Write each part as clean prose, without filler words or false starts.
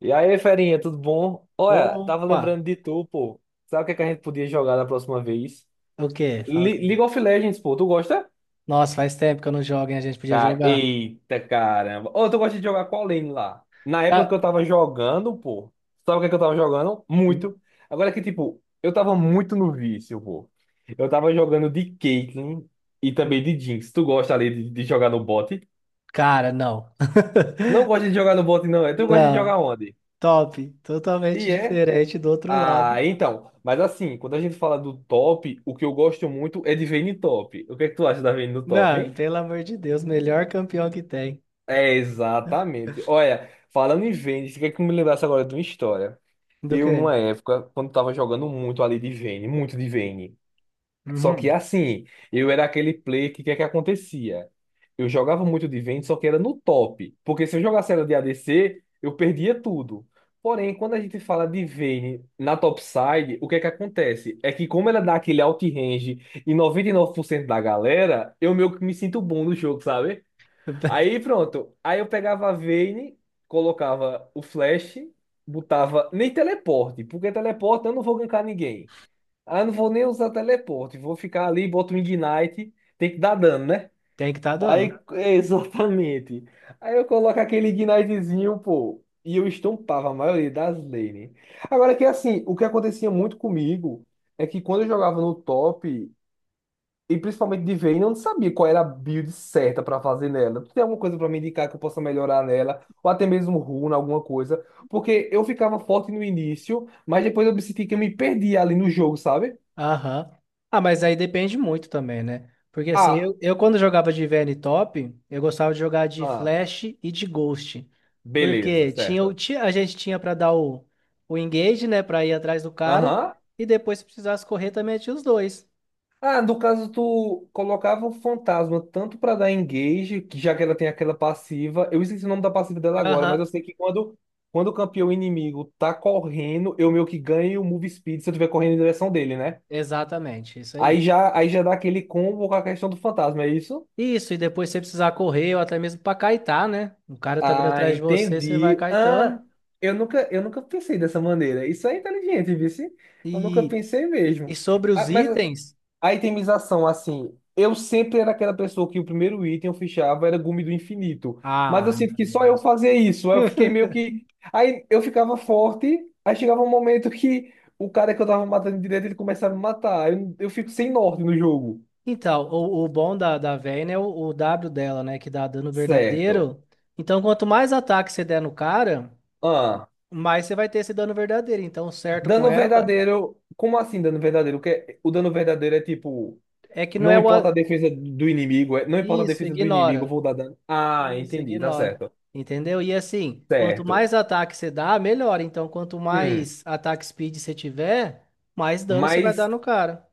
E aí, Ferinha, tudo bom? Olha, tava Opa! lembrando de tu, pô. Sabe o que é que a gente podia jogar da próxima vez? O quê? Fala League comigo. of Legends, pô. Tu gosta? Nossa, faz tempo que eu não jogo, hein? A gente podia jogar. Eita, caramba. Ô, tu gosta de jogar qual lane lá? Na época Ah, que eu tava jogando, pô. Sabe o que é que eu tava jogando? Muito. Agora que, tipo, eu tava muito no vício, pô. Eu tava jogando de Caitlyn e também de Jinx. Tu gosta ali de jogar no bot? cara, não. Não gosta de jogar no bot, não, é? Tu gosta de jogar Não, onde? top. Totalmente E é? diferente do outro lado. Ah, então. Mas assim, quando a gente fala do top, o que eu gosto muito é de Vayne top. O que é que tu acha da Vayne no top, Não, hein? pelo amor de Deus, melhor campeão que tem. É, exatamente. Olha, falando em Vayne, você quer que eu me lembrasse agora de uma história? Do Eu, que? numa época, quando tava jogando muito ali de Vayne, muito de Vayne. Só que Uhum. assim, eu era aquele play que o que é que acontecia? Eu jogava muito de vento, só que era no top. Porque se eu jogasse ela de ADC, eu perdia tudo. Porém, quando a gente fala de Vayne na topside, o que é que acontece? É que como ela dá aquele outrange em 99% da galera, eu meio que me sinto bom no jogo, sabe? Aí pronto. Aí eu pegava a Vayne, colocava o flash, botava nem teleporte, porque teleporte eu não vou gankar ninguém. Ah, não vou nem usar teleporte. Vou ficar ali, boto um Ignite. Tem que dar dano, né? Tem que estar Aí, dando. exatamente. Aí eu coloco aquele Ignitezinho, pô. E eu estompava a maioria das lane. Agora que assim, o que acontecia muito comigo é que quando eu jogava no top, e principalmente de Vayne, eu não sabia qual era a build certa pra fazer nela. Tu tem alguma coisa pra me indicar que eu possa melhorar nela? Ou até mesmo runa, alguma coisa? Porque eu ficava forte no início, mas depois eu me senti que eu me perdia ali no jogo, sabe? Aham. Ah, mas aí depende muito também, né? Porque assim, Ah, eu quando jogava de VN Top, eu gostava de jogar de Ah, Flash e de Ghost. beleza, Porque tinha, certo. A gente tinha pra dar o engage, né? Pra ir atrás do cara. Aham. E depois, se precisasse correr, também tinha os dois. Ah, no caso, tu colocava o fantasma tanto pra dar engage, que já que ela tem aquela passiva. Eu esqueci o nome da passiva dela agora, mas eu Aham. sei que quando o campeão inimigo tá correndo, eu meio que ganho o move speed se eu estiver correndo em direção dele, né? Exatamente, isso aí. Aí já dá aquele combo com a questão do fantasma, é isso? Isso, e depois se você precisar correr, ou até mesmo pra caitar, né? O cara tá vindo Ah, atrás de você, você vai entendi. caetando. Ah, eu nunca pensei dessa maneira. Isso é inteligente, vice. Eu nunca E, pensei mesmo. e sobre Ah, os mas itens. A itemização, assim, eu sempre era aquela pessoa que o primeiro item eu fechava era gume do infinito. Mas eu Ah, sinto meu que só eu Deus. fazia isso. Aí eu fiquei meio que. Aí eu ficava forte, aí chegava um momento que o cara que eu tava matando direto, ele começava a me matar. Aí eu fico sem norte no jogo. Então, o bom da Vayne é o W dela, né? Que dá dano Certo. verdadeiro. Então, quanto mais ataque você der no cara, Ah, mais você vai ter esse dano verdadeiro. Então, o certo com dano ela verdadeiro. Como assim dano verdadeiro? O dano verdadeiro é tipo. é que não Não é importa a defesa do inimigo, não importa a Isso, defesa do inimigo, eu ignora. vou dar dano. Ah, Isso, entendi, tá ignora. certo. Entendeu? E assim, quanto mais Certo. ataque você dá, melhor. Então, quanto Hum. mais ataque speed você tiver, mais dano você vai dar Mas no cara.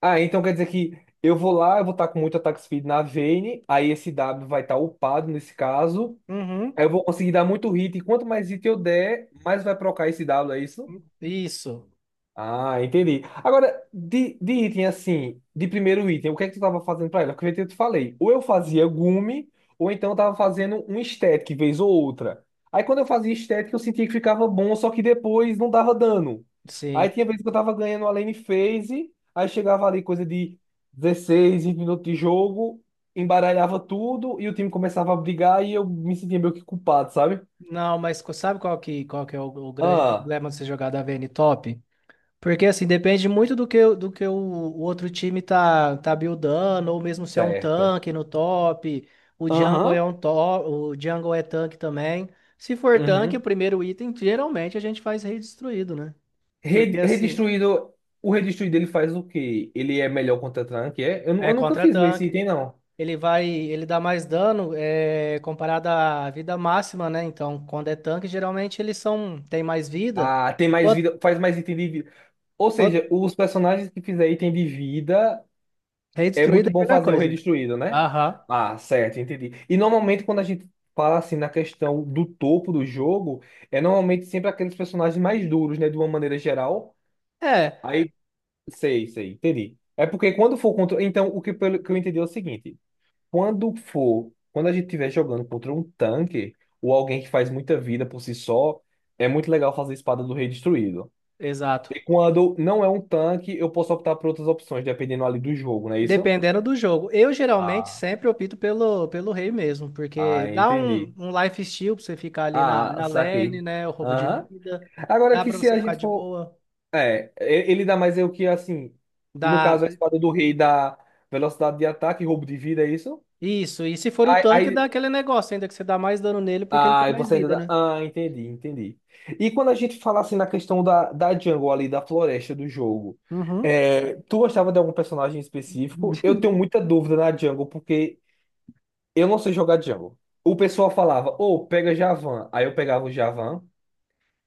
ah, então quer dizer que eu vou lá, eu vou estar com muito attack speed na Vayne, aí esse W vai estar upado nesse caso. Uhum. Aí eu vou conseguir dar muito hit, e quanto mais hit eu der, mais vai procar esse W, é isso? Isso, Ah, entendi. Agora, de item assim, de primeiro item, o que é que tu tava fazendo pra ela? Porque eu te falei, ou eu fazia gume, ou então eu tava fazendo um estético, vez ou outra. Aí quando eu fazia estética, eu sentia que ficava bom, só que depois não dava dano. Aí sim. tinha vezes que eu tava ganhando a lane phase, aí chegava ali coisa de 16 20 minutos de jogo, embaralhava tudo e o time começava a brigar e eu me sentia meio que culpado, sabe? Não, mas sabe qual que é o grande Ah, problema de você jogar da Vayne top? Porque assim, depende muito do que, do que o outro time tá buildando, ou mesmo se é um certo. tanque no top, o jungle Aham. é um top, o jungle é tanque também. Se for tanque, o Uhum. primeiro item, geralmente a gente faz rei destruído, né? Porque assim, Redistruído, o redistruído ele faz o quê? Ele é melhor contra tanque, é? Eu, é eu nunca fiz esse item, contra-tanque, não. ele vai, ele dá mais dano é, comparado à vida máxima, né? Então, quando é tanque, geralmente eles são, tem mais vida. Ah, tem mais Enquanto- vida, faz mais item de vida. Ou enquanto seja, os personagens que fizer item de vida, Rei é destruído muito é a bom melhor fazer o coisa. redistruído, né? Aham. Ah, certo, entendi. E normalmente quando a gente fala assim na questão do topo do jogo, é normalmente sempre aqueles personagens mais duros, né? De uma maneira geral. É, Aí, sei, entendi. É porque quando for contra. Então, o que, pelo que eu entendi é o seguinte. Quando for, quando a gente estiver jogando contra um tanque ou alguém que faz muita vida por si só, é muito legal fazer espada do rei destruído. exato. E quando não é um tanque, eu posso optar por outras opções, dependendo ali do jogo, não é isso? Dependendo do jogo. Eu geralmente Ah, sempre opto pelo rei mesmo, ah, porque dá entendi. um lifesteal pra você ficar ali Ah, na lane, saquei. né? O roubo de Aham. vida. Agora Dá que pra se você a ficar gente de for. boa. É, ele dá mais é o que assim. No caso, a Dá. espada do rei dá velocidade de ataque, e roubo de vida, é isso? Isso. E se for o Aí, tanque, dá aí aquele negócio ainda que você dá mais dano nele porque ele tem ah, e mais você ainda vida, dá... né? Ah, entendi, entendi. E quando a gente fala assim na questão da jungle ali, da floresta do jogo, Uhum. é, tu gostava de algum personagem específico? Eu tenho muita dúvida na jungle, porque eu não sei jogar jungle. O pessoal falava, ô, pega Javan. Aí eu pegava o Javan,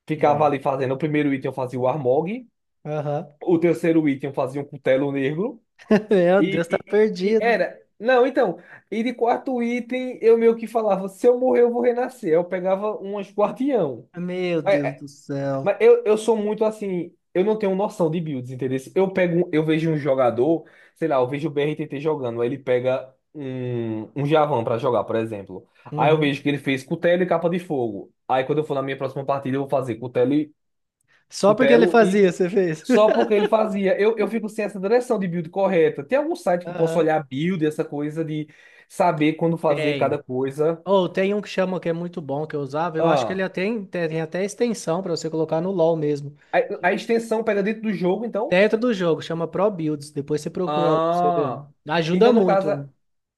ficava Bom. ali fazendo o primeiro item, eu fazia o Armog, Aham. o terceiro item eu fazia um cutelo negro, Meu Deus, tá e perdido. era. Não, então, e de quarto item eu meio que falava, se eu morrer eu vou renascer. Eu pegava umas guardião. Meu Deus É, do céu. mas eu sou muito assim, eu não tenho noção de builds, entendeu? Eu vejo um jogador, sei lá, eu vejo o BRTT jogando, aí ele pega um Javan pra jogar, por exemplo. Aí eu vejo Uhum. que ele fez cutelo e capa de fogo. Aí quando eu for na minha próxima partida, eu vou fazer cutelo e Só porque ele cutelo e fazia, você fez. só porque ele fazia. Eu fico sem essa direção de build correta. Tem algum site que eu posso Aham. olhar build, essa coisa de saber quando fazer Tem. cada coisa? Ou tem um que chama que é muito bom que eu usava. Eu acho que ele Ah, até tem, tem até extensão para você colocar no LoL mesmo. a, a extensão pega dentro do jogo, então? Dentro do jogo, chama Pro Builds. Depois você procura lá pra você ver. Ah, Ajuda então muito. Né?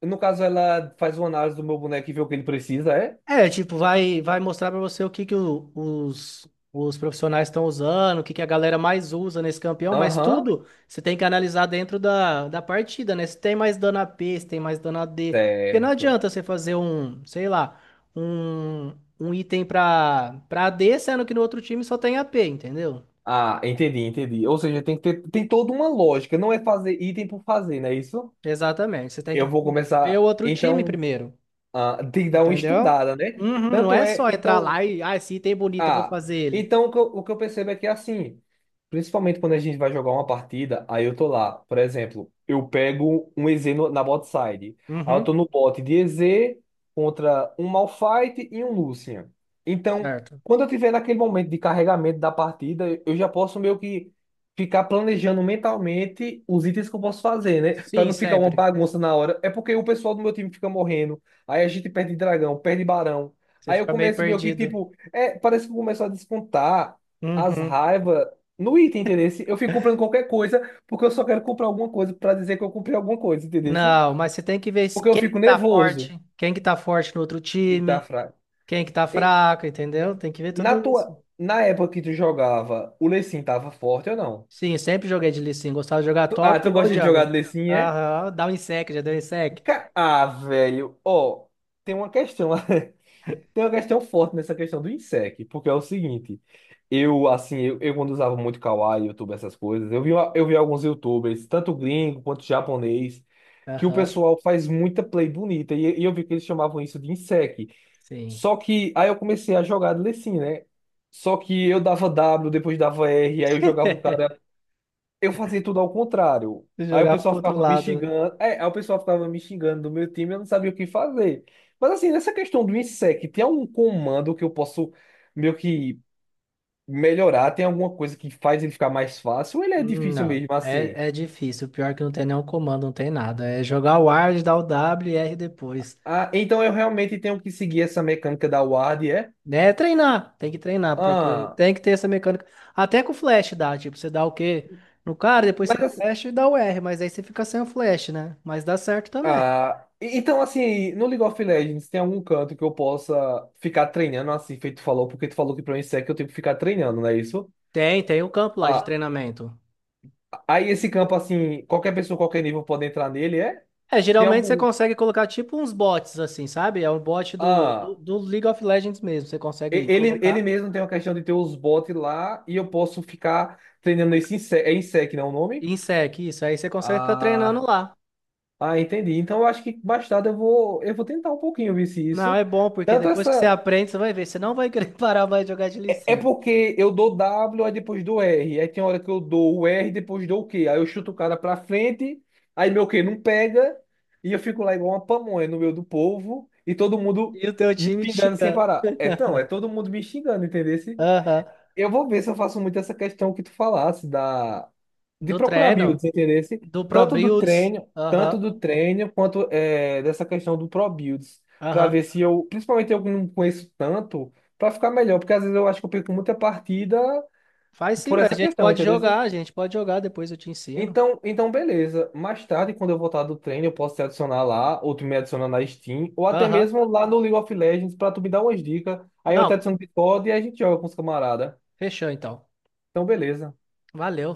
no caso ela faz uma análise do meu boneco e vê o que ele precisa, é? É, tipo, vai, vai mostrar pra você o que que os profissionais estão usando, o que que a galera mais usa nesse campeão, mas Aham, tudo você tem que analisar dentro da partida, né? Se tem mais dano AP, se tem mais dano AD. Porque não certo. adianta você fazer um, sei lá, um item pra, pra A d sendo que no outro time só tem a p, entendeu? Ah, entendi, entendi. Ou seja, tem que ter, tem toda uma lógica, não é fazer item por fazer, não é isso? Exatamente. Você tem que Eu vou ver o começar, outro time então, primeiro, ah, tem que dar uma entendeu? estudada, né? Uhum, não Tanto é é, só entrar então, lá e, ah, esse item é bonito, eu vou ah, fazer ele. então o que eu percebo é que é assim, principalmente quando a gente vai jogar uma partida, aí eu tô lá, por exemplo, eu pego um EZ na bot side. Aí eu tô Uhum, no bot de EZ contra um Malphite e um Lucian. Então, certo. quando eu tiver naquele momento de carregamento da partida, eu já posso meio que ficar planejando mentalmente os itens que eu posso fazer, né? Pra Sim, não ficar uma sempre. bagunça na hora. É porque o pessoal do meu time fica morrendo, aí a gente perde dragão, perde barão. Você Aí eu fica meio começo meio que perdido. tipo. É, parece que começou a descontar as Uhum. raivas no item, entendeu? Eu fico comprando qualquer coisa porque eu só quero comprar alguma coisa pra dizer que eu comprei alguma coisa, entendeu? Não, mas você tem que ver Porque eu quem que fico tá nervoso forte, quem que tá forte no outro e tá time, fraco. quem que tá E fraco, entendeu? Tem que ver na tudo isso. tua, na época que tu jogava, o Lecim tava forte ou não? Sim, sempre joguei de Lee Sin. Gostava de jogar Ah, top tu ou gosta de jogar de jungle. Lecim, é? Aham, dá um insec, já deu um insec. Ah, velho, ó, tem uma questão. Tem uma questão forte nessa questão do INSEC, porque é o seguinte, eu, assim, eu quando usava muito Kawaii, YouTube, essas coisas, eu vi alguns YouTubers, tanto gringo quanto japonês, que o Aham, pessoal faz muita play bonita, e eu vi que eles chamavam isso de INSEC. sim. Só que, aí eu comecei a jogar de Lecim, né? Só que eu dava W, depois dava R, aí eu jogava o cara, eu fazia tudo ao contrário. Aí o Jogava pro pessoal outro ficava me lado. Né? xingando. É, aí o pessoal ficava me xingando do meu time, eu não sabia o que fazer. Mas assim, nessa questão do INSEC, tem algum comando que eu posso meio que melhorar? Tem alguma coisa que faz ele ficar mais fácil? Ou ele é difícil não, mesmo assim? É difícil. O pior é que não tem nenhum comando, não tem nada. É jogar o ward, dar o W e R depois. Ah, então eu realmente tenho que seguir essa mecânica da ward, é? Né é treinar, tem que treinar, porque Ah, tem que ter essa mecânica. Até com o flash dá, tipo, você dá o Q no cara, depois você mas assim. flash e dá o R, mas aí você fica sem o flash, né? Mas dá certo também. Ah, então assim, no League of Legends tem algum canto que eu possa ficar treinando assim, feito tu falou, porque tu falou que para o INSEC eu tenho que ficar treinando, não é isso? Tem, tem um campo lá de Ah, treinamento. aí esse campo, assim, qualquer pessoa, qualquer nível pode entrar nele, é? É, Tem geralmente você algum. consegue colocar tipo uns bots assim, sabe? É um bot Ah, do League of Legends mesmo, você consegue ele, ele colocar. mesmo tem uma questão de ter os bots lá e eu posso ficar treinando esse insec, é insec, não é o nome? Insec, isso, aí você consegue ficar treinando Ah, lá. ah, entendi. Então eu acho que mais tarde eu vou tentar um pouquinho ver se Não, isso. é bom, porque Tanto depois que você essa. aprende, você vai ver, você não vai querer parar mais de jogar de Lee É é Sin. porque eu dou W, aí depois dou R. Aí tem hora que eu dou o R, depois dou o Q. Aí eu chuto o cara pra frente, aí meu Q não pega, e eu fico lá igual uma pamonha no meio do povo, e todo mundo E o teu me time te pingando sem xingando. parar. É, não, é todo mundo me xingando, entendeu? Aham. Eu vou ver se eu faço muito essa questão que tu falasse da de Do procurar treino. builds, entendeu? Do Pro Builds. Tanto Aham, do treino quanto é dessa questão do pro builds, para aham. ver se eu, principalmente eu que não conheço tanto, para ficar melhor, porque às vezes eu acho que eu perco muita partida Faz sim, por mas essa questão, entendeu? A gente pode jogar, depois eu te ensino. Então beleza. Mais tarde, quando eu voltar do treino, eu posso te adicionar lá, ou tu me adiciona na Steam, ou até Aham. mesmo lá no League of Legends para tu me dar umas dicas. Aí eu te Não, adiciono no Discord e a gente joga com os camaradas. fechou então. Então, beleza. Valeu.